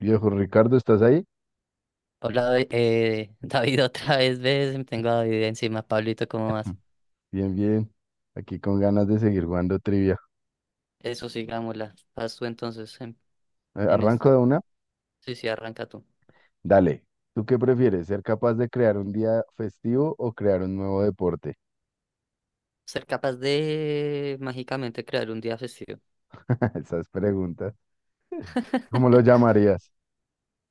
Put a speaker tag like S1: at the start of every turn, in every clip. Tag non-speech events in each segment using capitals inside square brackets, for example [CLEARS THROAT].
S1: Viejo Ricardo, ¿estás ahí?
S2: Hola, [LAUGHS] David, otra vez, ves, tengo a David encima. Pablito, ¿cómo vas?
S1: Bien, bien. Aquí con ganas de seguir jugando trivia.
S2: Eso, sigámosla, vas tú entonces en,
S1: Eh,
S2: en
S1: ¿Arranco de
S2: esta.
S1: una?
S2: Sí, sí, arranca tú.
S1: Dale. ¿Tú qué prefieres? ¿Ser capaz de crear un día festivo o crear un nuevo deporte?
S2: Ser capaz de mágicamente crear un día festivo.
S1: [LAUGHS] Esas preguntas. ¿Cómo lo
S2: [LAUGHS]
S1: llamarías?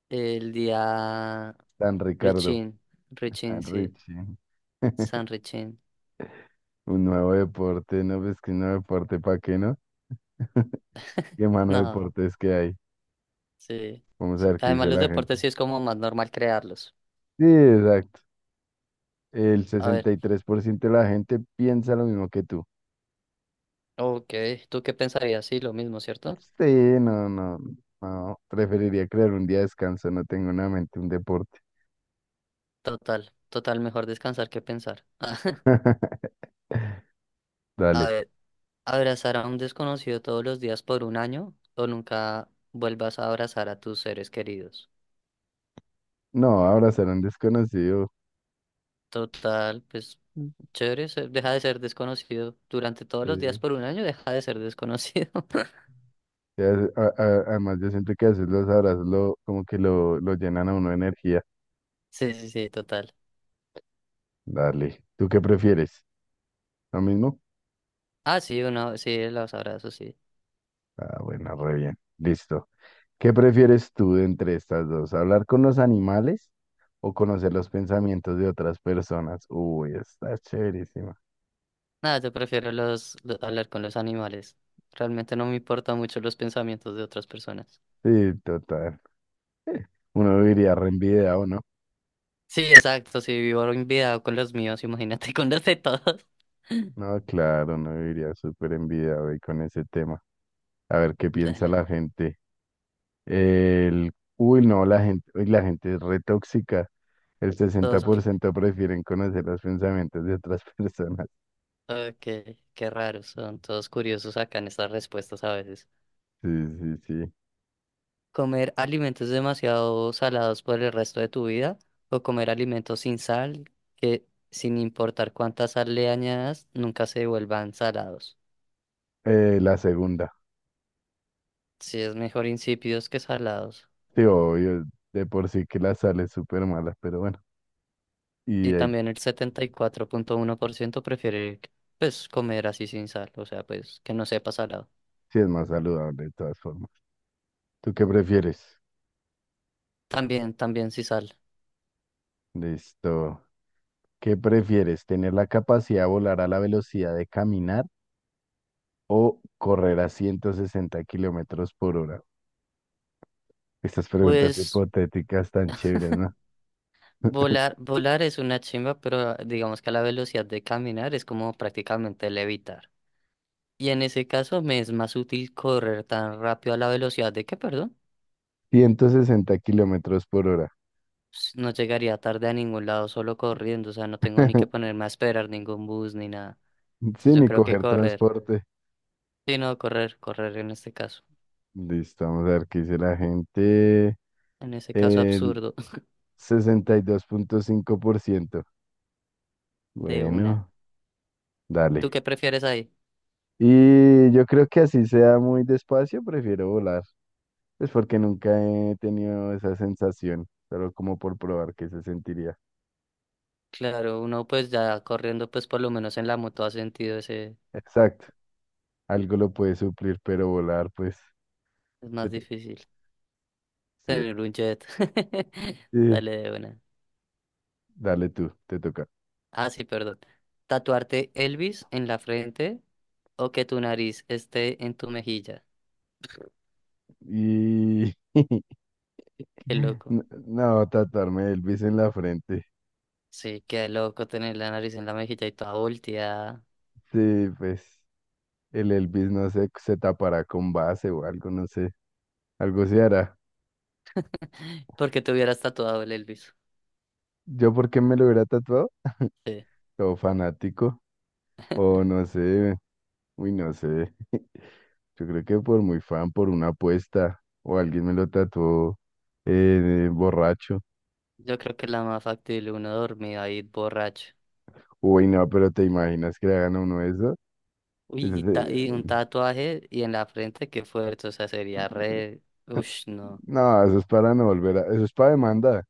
S2: El día
S1: Tan Ricardo,
S2: Richin, Richin,
S1: tan
S2: sí.
S1: Richie. [LAUGHS]
S2: San Richin.
S1: Un nuevo deporte, ¿no? Pues que un nuevo deporte, ¿para qué no? [LAUGHS] ¿Qué mano de
S2: No,
S1: deportes que hay?
S2: sí,
S1: Vamos a
S2: sí.
S1: ver qué
S2: Además,
S1: dice
S2: los
S1: la gente.
S2: deportes sí es como más normal crearlos.
S1: Sí, exacto. El
S2: A ver,
S1: 63% de la gente piensa lo mismo que tú.
S2: ok, ¿tú qué pensarías? Sí, lo mismo, ¿cierto?
S1: Sí, no, no, no. Preferiría crear un día de descanso. No tengo en mente un deporte.
S2: Total, total, mejor descansar que pensar. [LAUGHS]
S1: [LAUGHS]
S2: A
S1: Dale.
S2: ver. Abrazar a un desconocido todos los días por un año, o nunca vuelvas a abrazar a tus seres queridos.
S1: No, abrazar a un desconocido.
S2: Total, pues chévere, deja de ser desconocido durante todos los días
S1: Sí.
S2: por un año, deja de ser desconocido. [LAUGHS]
S1: Ya, además, yo siento que a veces los abrazos lo, como que lo llenan a uno de energía.
S2: Sí, sí, sí, total.
S1: Dale. ¿Tú qué prefieres? ¿Lo mismo?
S2: Ah, sí, uno, sí, los abrazos, sí.
S1: Ah, bueno, re bien. Listo. ¿Qué prefieres tú de entre estas dos? ¿Hablar con los animales o conocer los pensamientos de otras personas? Uy, está chéverísima.
S2: Nada, yo prefiero hablar con los animales. Realmente no me importan mucho los pensamientos de otras personas.
S1: Sí, total. Uno viviría re envidiado, ¿no?
S2: Sí, exacto, si vivo enviado con los míos, [LAUGHS] imagínate con los de todos. [LAUGHS]
S1: No, claro, uno viviría súper envidiado ahí con ese tema. A ver qué piensa
S2: Dale.
S1: la gente. El, uy, no, la gente, uy, la gente es re tóxica. El sesenta
S2: Todos
S1: por ciento prefieren conocer los pensamientos de otras [LAUGHS] personas.
S2: Ok, qué raros, son todos curiosos acá en estas respuestas a veces.
S1: Sí, sí, sí.
S2: ¿Comer alimentos demasiado salados por el resto de tu vida, o comer alimentos sin sal que, sin importar cuánta sal le añadas, nunca se vuelvan salados?
S1: La segunda.
S2: Sí, es mejor insípidos que salados.
S1: Sí, obvio, de por sí que la sal es súper mala, pero bueno. Y
S2: Y
S1: ahí
S2: también el 74.1% prefiere, pues, comer así sin sal, o sea, pues, que no sepa salado.
S1: sí es más saludable de todas formas. ¿Tú qué prefieres?
S2: También, también sin sal.
S1: Listo. ¿Qué prefieres? ¿Tener la capacidad de volar a la velocidad de caminar o correr a 160 km/h? Estas preguntas
S2: Pues,
S1: hipotéticas tan chéveres, ¿no?
S2: volar, volar es una chimba, pero digamos que a la velocidad de caminar es como prácticamente levitar. Y en ese caso me es más útil correr tan rápido a la velocidad de que, perdón,
S1: 160 km/h.
S2: no llegaría tarde a ningún lado solo corriendo, o sea, no tengo ni que
S1: [LAUGHS]
S2: ponerme a esperar ningún bus ni nada. Entonces
S1: Sí,
S2: yo
S1: ni
S2: creo que
S1: coger
S2: correr.
S1: transporte.
S2: Sí, no, correr, correr en este caso.
S1: Listo, vamos a ver qué dice la gente.
S2: En ese caso
S1: El
S2: absurdo. [LAUGHS]
S1: 62,5%.
S2: De una.
S1: Bueno,
S2: ¿Tú
S1: dale.
S2: qué prefieres ahí?
S1: Y yo creo que así sea muy despacio, prefiero volar. Es porque nunca he tenido esa sensación, solo como por probar qué se sentiría.
S2: Claro, uno pues ya corriendo pues por lo menos en la moto ha sentido ese,
S1: Exacto. Algo lo puede suplir, pero volar, pues.
S2: es
S1: te
S2: más
S1: to-
S2: difícil.
S1: Sí,
S2: Tener un jet. [LAUGHS]
S1: sí,
S2: Dale de una.
S1: dale tú, te toca.
S2: Ah, sí, perdón. Tatuarte Elvis en la frente, o que tu nariz esté en tu mejilla.
S1: Y. [LAUGHS]
S2: Qué loco.
S1: No, no, tatuarme Elvis en la frente.
S2: Sí, qué loco tener la nariz en la mejilla y toda volteada.
S1: Sí, pues. El Elvis, no sé, se tapará con base o algo, no sé. Algo se hará.
S2: [LAUGHS] ¿Porque te hubieras tatuado el Elvis?
S1: ¿Yo por qué me lo hubiera tatuado?
S2: Sí.
S1: O fanático. O no sé. Uy, no sé. [LAUGHS] Yo creo que por muy fan, por una apuesta. O alguien me lo tatuó, borracho.
S2: Yo creo que es la más factible, uno dormido ahí borracho.
S1: Uy, no, pero ¿te imaginas que le hagan a uno eso?
S2: Uy,
S1: Eso
S2: y,
S1: sería-
S2: y un tatuaje y en la frente, qué fuerte. O sea, sería re.
S1: [LAUGHS]
S2: Ush, no.
S1: No, eso es para no volver a... Eso es para demanda.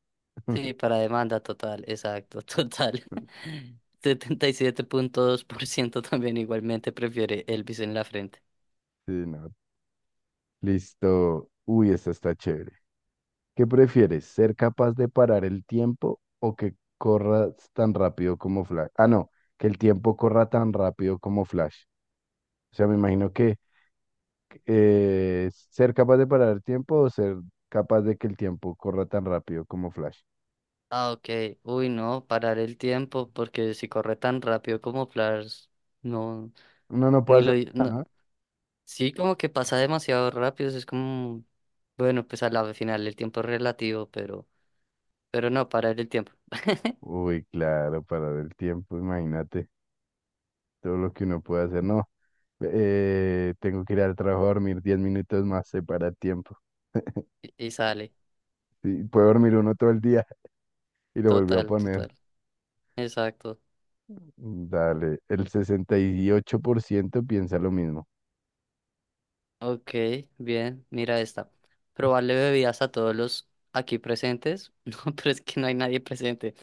S2: Sí,
S1: [LAUGHS]
S2: para demanda total, exacto, total. [LAUGHS] 77.2% también igualmente prefiere Elvis en la frente.
S1: Sí, no. Listo. Uy, esta está chévere. ¿Qué prefieres? ¿Ser capaz de parar el tiempo o que corras tan rápido como Flash? Ah, no, que el tiempo corra tan rápido como Flash. O sea, me imagino que ser capaz de parar el tiempo o ser capaz de que el tiempo corra tan rápido como Flash.
S2: Ah, ok. Uy, no, parar el tiempo, porque si corre tan rápido como Flash, no,
S1: Uno no puede
S2: ni lo...
S1: hacer
S2: no.
S1: nada, ¿no?
S2: Sí, como que pasa demasiado rápido, es como... Bueno, pues a la final el tiempo es relativo, pero no, parar el tiempo.
S1: Uy, claro, parar el tiempo, imagínate todo lo que uno puede hacer. No, tengo que ir al trabajo a dormir 10 minutos más, se para el tiempo. [LAUGHS]
S2: Y sale,
S1: Sí, puede dormir uno todo el día y lo volvió a
S2: total,
S1: poner.
S2: total. Exacto.
S1: Dale, el 68% piensa lo mismo.
S2: Ok, bien, mira esta. Probarle bebidas a todos los aquí presentes. [LAUGHS] No, pero es que no hay nadie presente.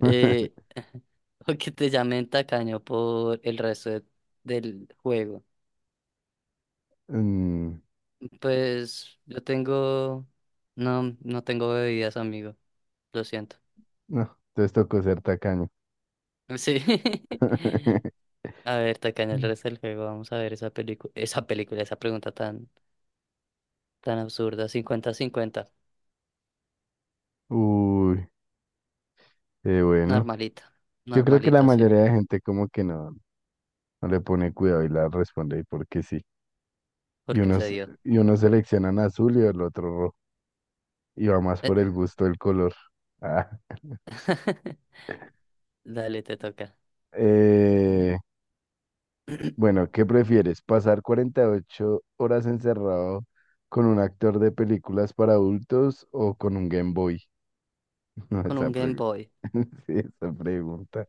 S2: Eh,
S1: [LAUGHS]
S2: [LAUGHS] o que te llamen tacaño por el resto del juego.
S1: Mm,
S2: Pues yo tengo... No, no tengo bebidas, amigo. Lo siento.
S1: no, entonces tocó ser tacaño.
S2: Sí. [LAUGHS]
S1: [LAUGHS]
S2: A ver, tacaño el
S1: Mm.
S2: resto del juego. Vamos a ver esa película, esa pregunta tan, tan absurda. Cincuenta, cincuenta.
S1: Uy, bueno,
S2: Normalita.
S1: yo creo que la
S2: Normalita, sí.
S1: mayoría de gente como que no le pone cuidado y la responde ahí porque sí. y
S2: Porque se
S1: unos,
S2: dio.
S1: y unos seleccionan azul y el otro rojo, y va más por el
S2: [LAUGHS]
S1: gusto del color. Ah,
S2: [LAUGHS] Dale, te toca.
S1: eh,
S2: [CLEARS THROAT]
S1: bueno, ¿qué prefieres? ¿Pasar 48 horas encerrado con un actor de películas para adultos o con un Game Boy? [LAUGHS] No,
S2: Con un Game Boy.
S1: [LAUGHS] sí, esa pregunta.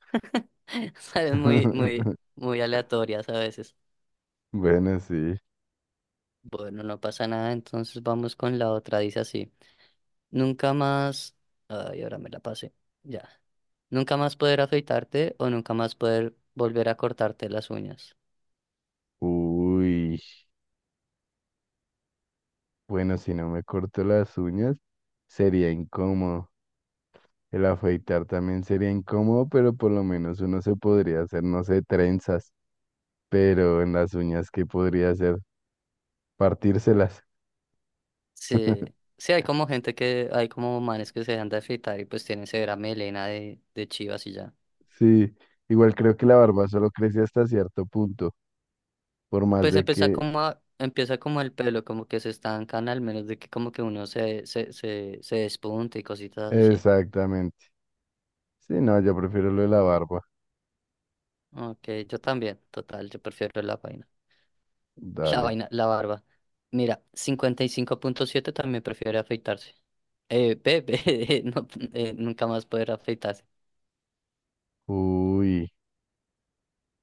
S2: [LAUGHS] Sabes, muy, muy,
S1: [LAUGHS]
S2: muy aleatorias a veces.
S1: Bueno, sí.
S2: Bueno, no pasa nada, entonces vamos con la otra. Dice así. Nunca más. Ay, ahora me la pasé. Ya. Nunca más poder afeitarte, o nunca más poder volver a cortarte las uñas.
S1: Uy, bueno, si no me corto las uñas, sería incómodo. El afeitar también sería incómodo, pero por lo menos uno se podría hacer, no sé, trenzas, pero en las uñas, ¿qué podría hacer? Partírselas.
S2: Sí. Sí, hay como gente que, hay como manes que se dejan de afeitar y pues tienen severa melena de chivas y ya.
S1: Sí, igual creo que la barba solo crece hasta cierto punto, por más
S2: Pues
S1: de
S2: empieza
S1: que...
S2: como empieza como el pelo, como que se estancan al menos de que como que uno se despunte y cositas así.
S1: Exactamente. Sí, no, yo prefiero lo de la barba.
S2: Ok, yo también, total, yo prefiero la vaina. [LAUGHS] La
S1: Dale.
S2: vaina, la barba. Mira, 55.7 también prefiere afeitarse. Bebé, [LAUGHS] no, nunca más poder afeitarse.
S1: Uy,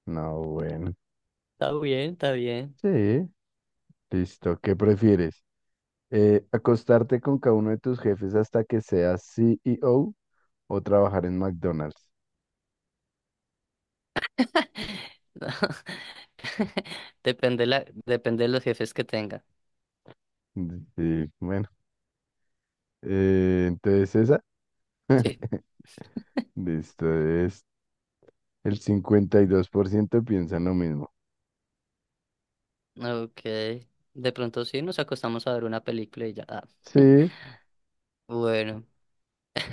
S1: no, bueno.
S2: Está bien, está bien.
S1: Sí, listo. ¿Qué prefieres? ¿acostarte con cada uno de tus jefes hasta que seas CEO o trabajar en McDonald's?
S2: [LAUGHS] Depende la, depende de los jefes que tenga.
S1: Mm, sí, entonces esa,
S2: Sí,
S1: listo, es el 52% piensan lo mismo.
S2: ok. De pronto sí, nos acostamos a ver una película y ya. Ah. [LAUGHS]
S1: Sí,
S2: Bueno. [LAUGHS]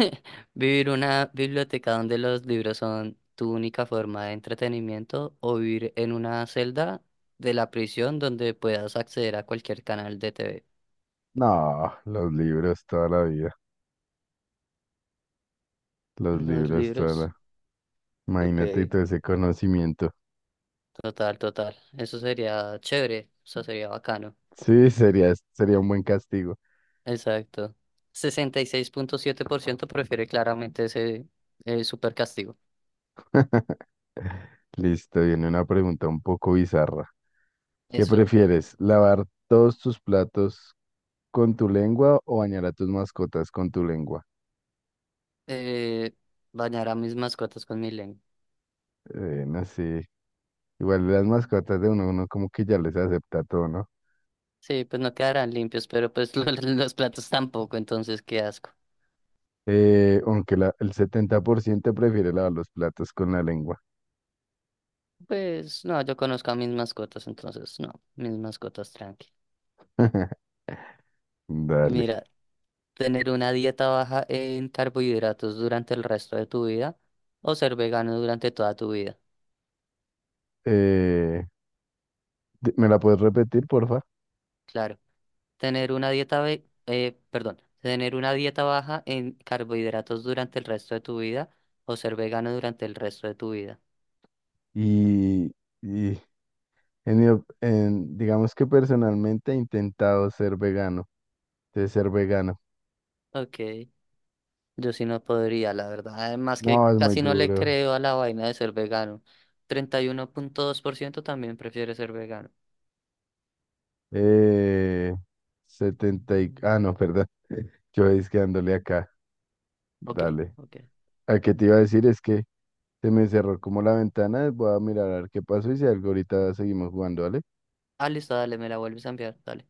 S2: ¿Vivir una biblioteca donde los libros son tu única forma de entretenimiento, o vivir en una celda de la prisión donde puedas acceder a cualquier canal de TV?
S1: no, los libros toda la vida, los
S2: Los
S1: libros toda
S2: libros,
S1: la... Imagínate
S2: ok,
S1: todo ese conocimiento.
S2: total, total. Eso sería chévere, eso sería bacano.
S1: Sí, sería, sería un buen castigo.
S2: Exacto. 66.7% prefiere claramente ese super castigo.
S1: Listo, viene una pregunta un poco bizarra. ¿Qué
S2: Eso.
S1: prefieres, lavar todos tus platos con tu lengua o bañar a tus mascotas con tu lengua?
S2: Eh, bañar a mis mascotas con mi lengua.
S1: No sé, igual las mascotas de uno, uno como que ya les acepta todo, ¿no?
S2: Sí, pues no quedarán limpios, pero pues [LAUGHS] lo, los platos tampoco, entonces qué asco.
S1: Aunque el 70% prefiere lavar los platos con la lengua.
S2: Pues no, yo conozco a mis mascotas, entonces no, mis mascotas tranqui.
S1: [LAUGHS] Dale.
S2: Mira, tener una dieta baja en carbohidratos durante el resto de tu vida, o ser vegano durante toda tu vida,
S1: Eh, me la puedes repetir, porfa?
S2: claro. Tener una dieta perdón, tener una dieta baja en carbohidratos durante el resto de tu vida, o ser vegano durante el resto de tu vida.
S1: Y, y en mi op- en- digamos que personalmente he intentado ser vegano, de ser vegano.
S2: Ok. Yo sí no podría, la verdad. Además que
S1: No, es muy
S2: casi no le
S1: duro.
S2: creo a la vaina de ser vegano. 31.2% también prefiere ser vegano.
S1: Eh, Setenta y... Ah, no, perdón. [LAUGHS] Yo es que dándole acá.
S2: Ok,
S1: Dale.
S2: ok.
S1: A que te iba a decir es que se me cerró como la ventana. Voy a mirar a ver qué pasó y si algo ahorita seguimos jugando, ¿vale?
S2: Ah, listo, dale, me la vuelves a enviar. Dale.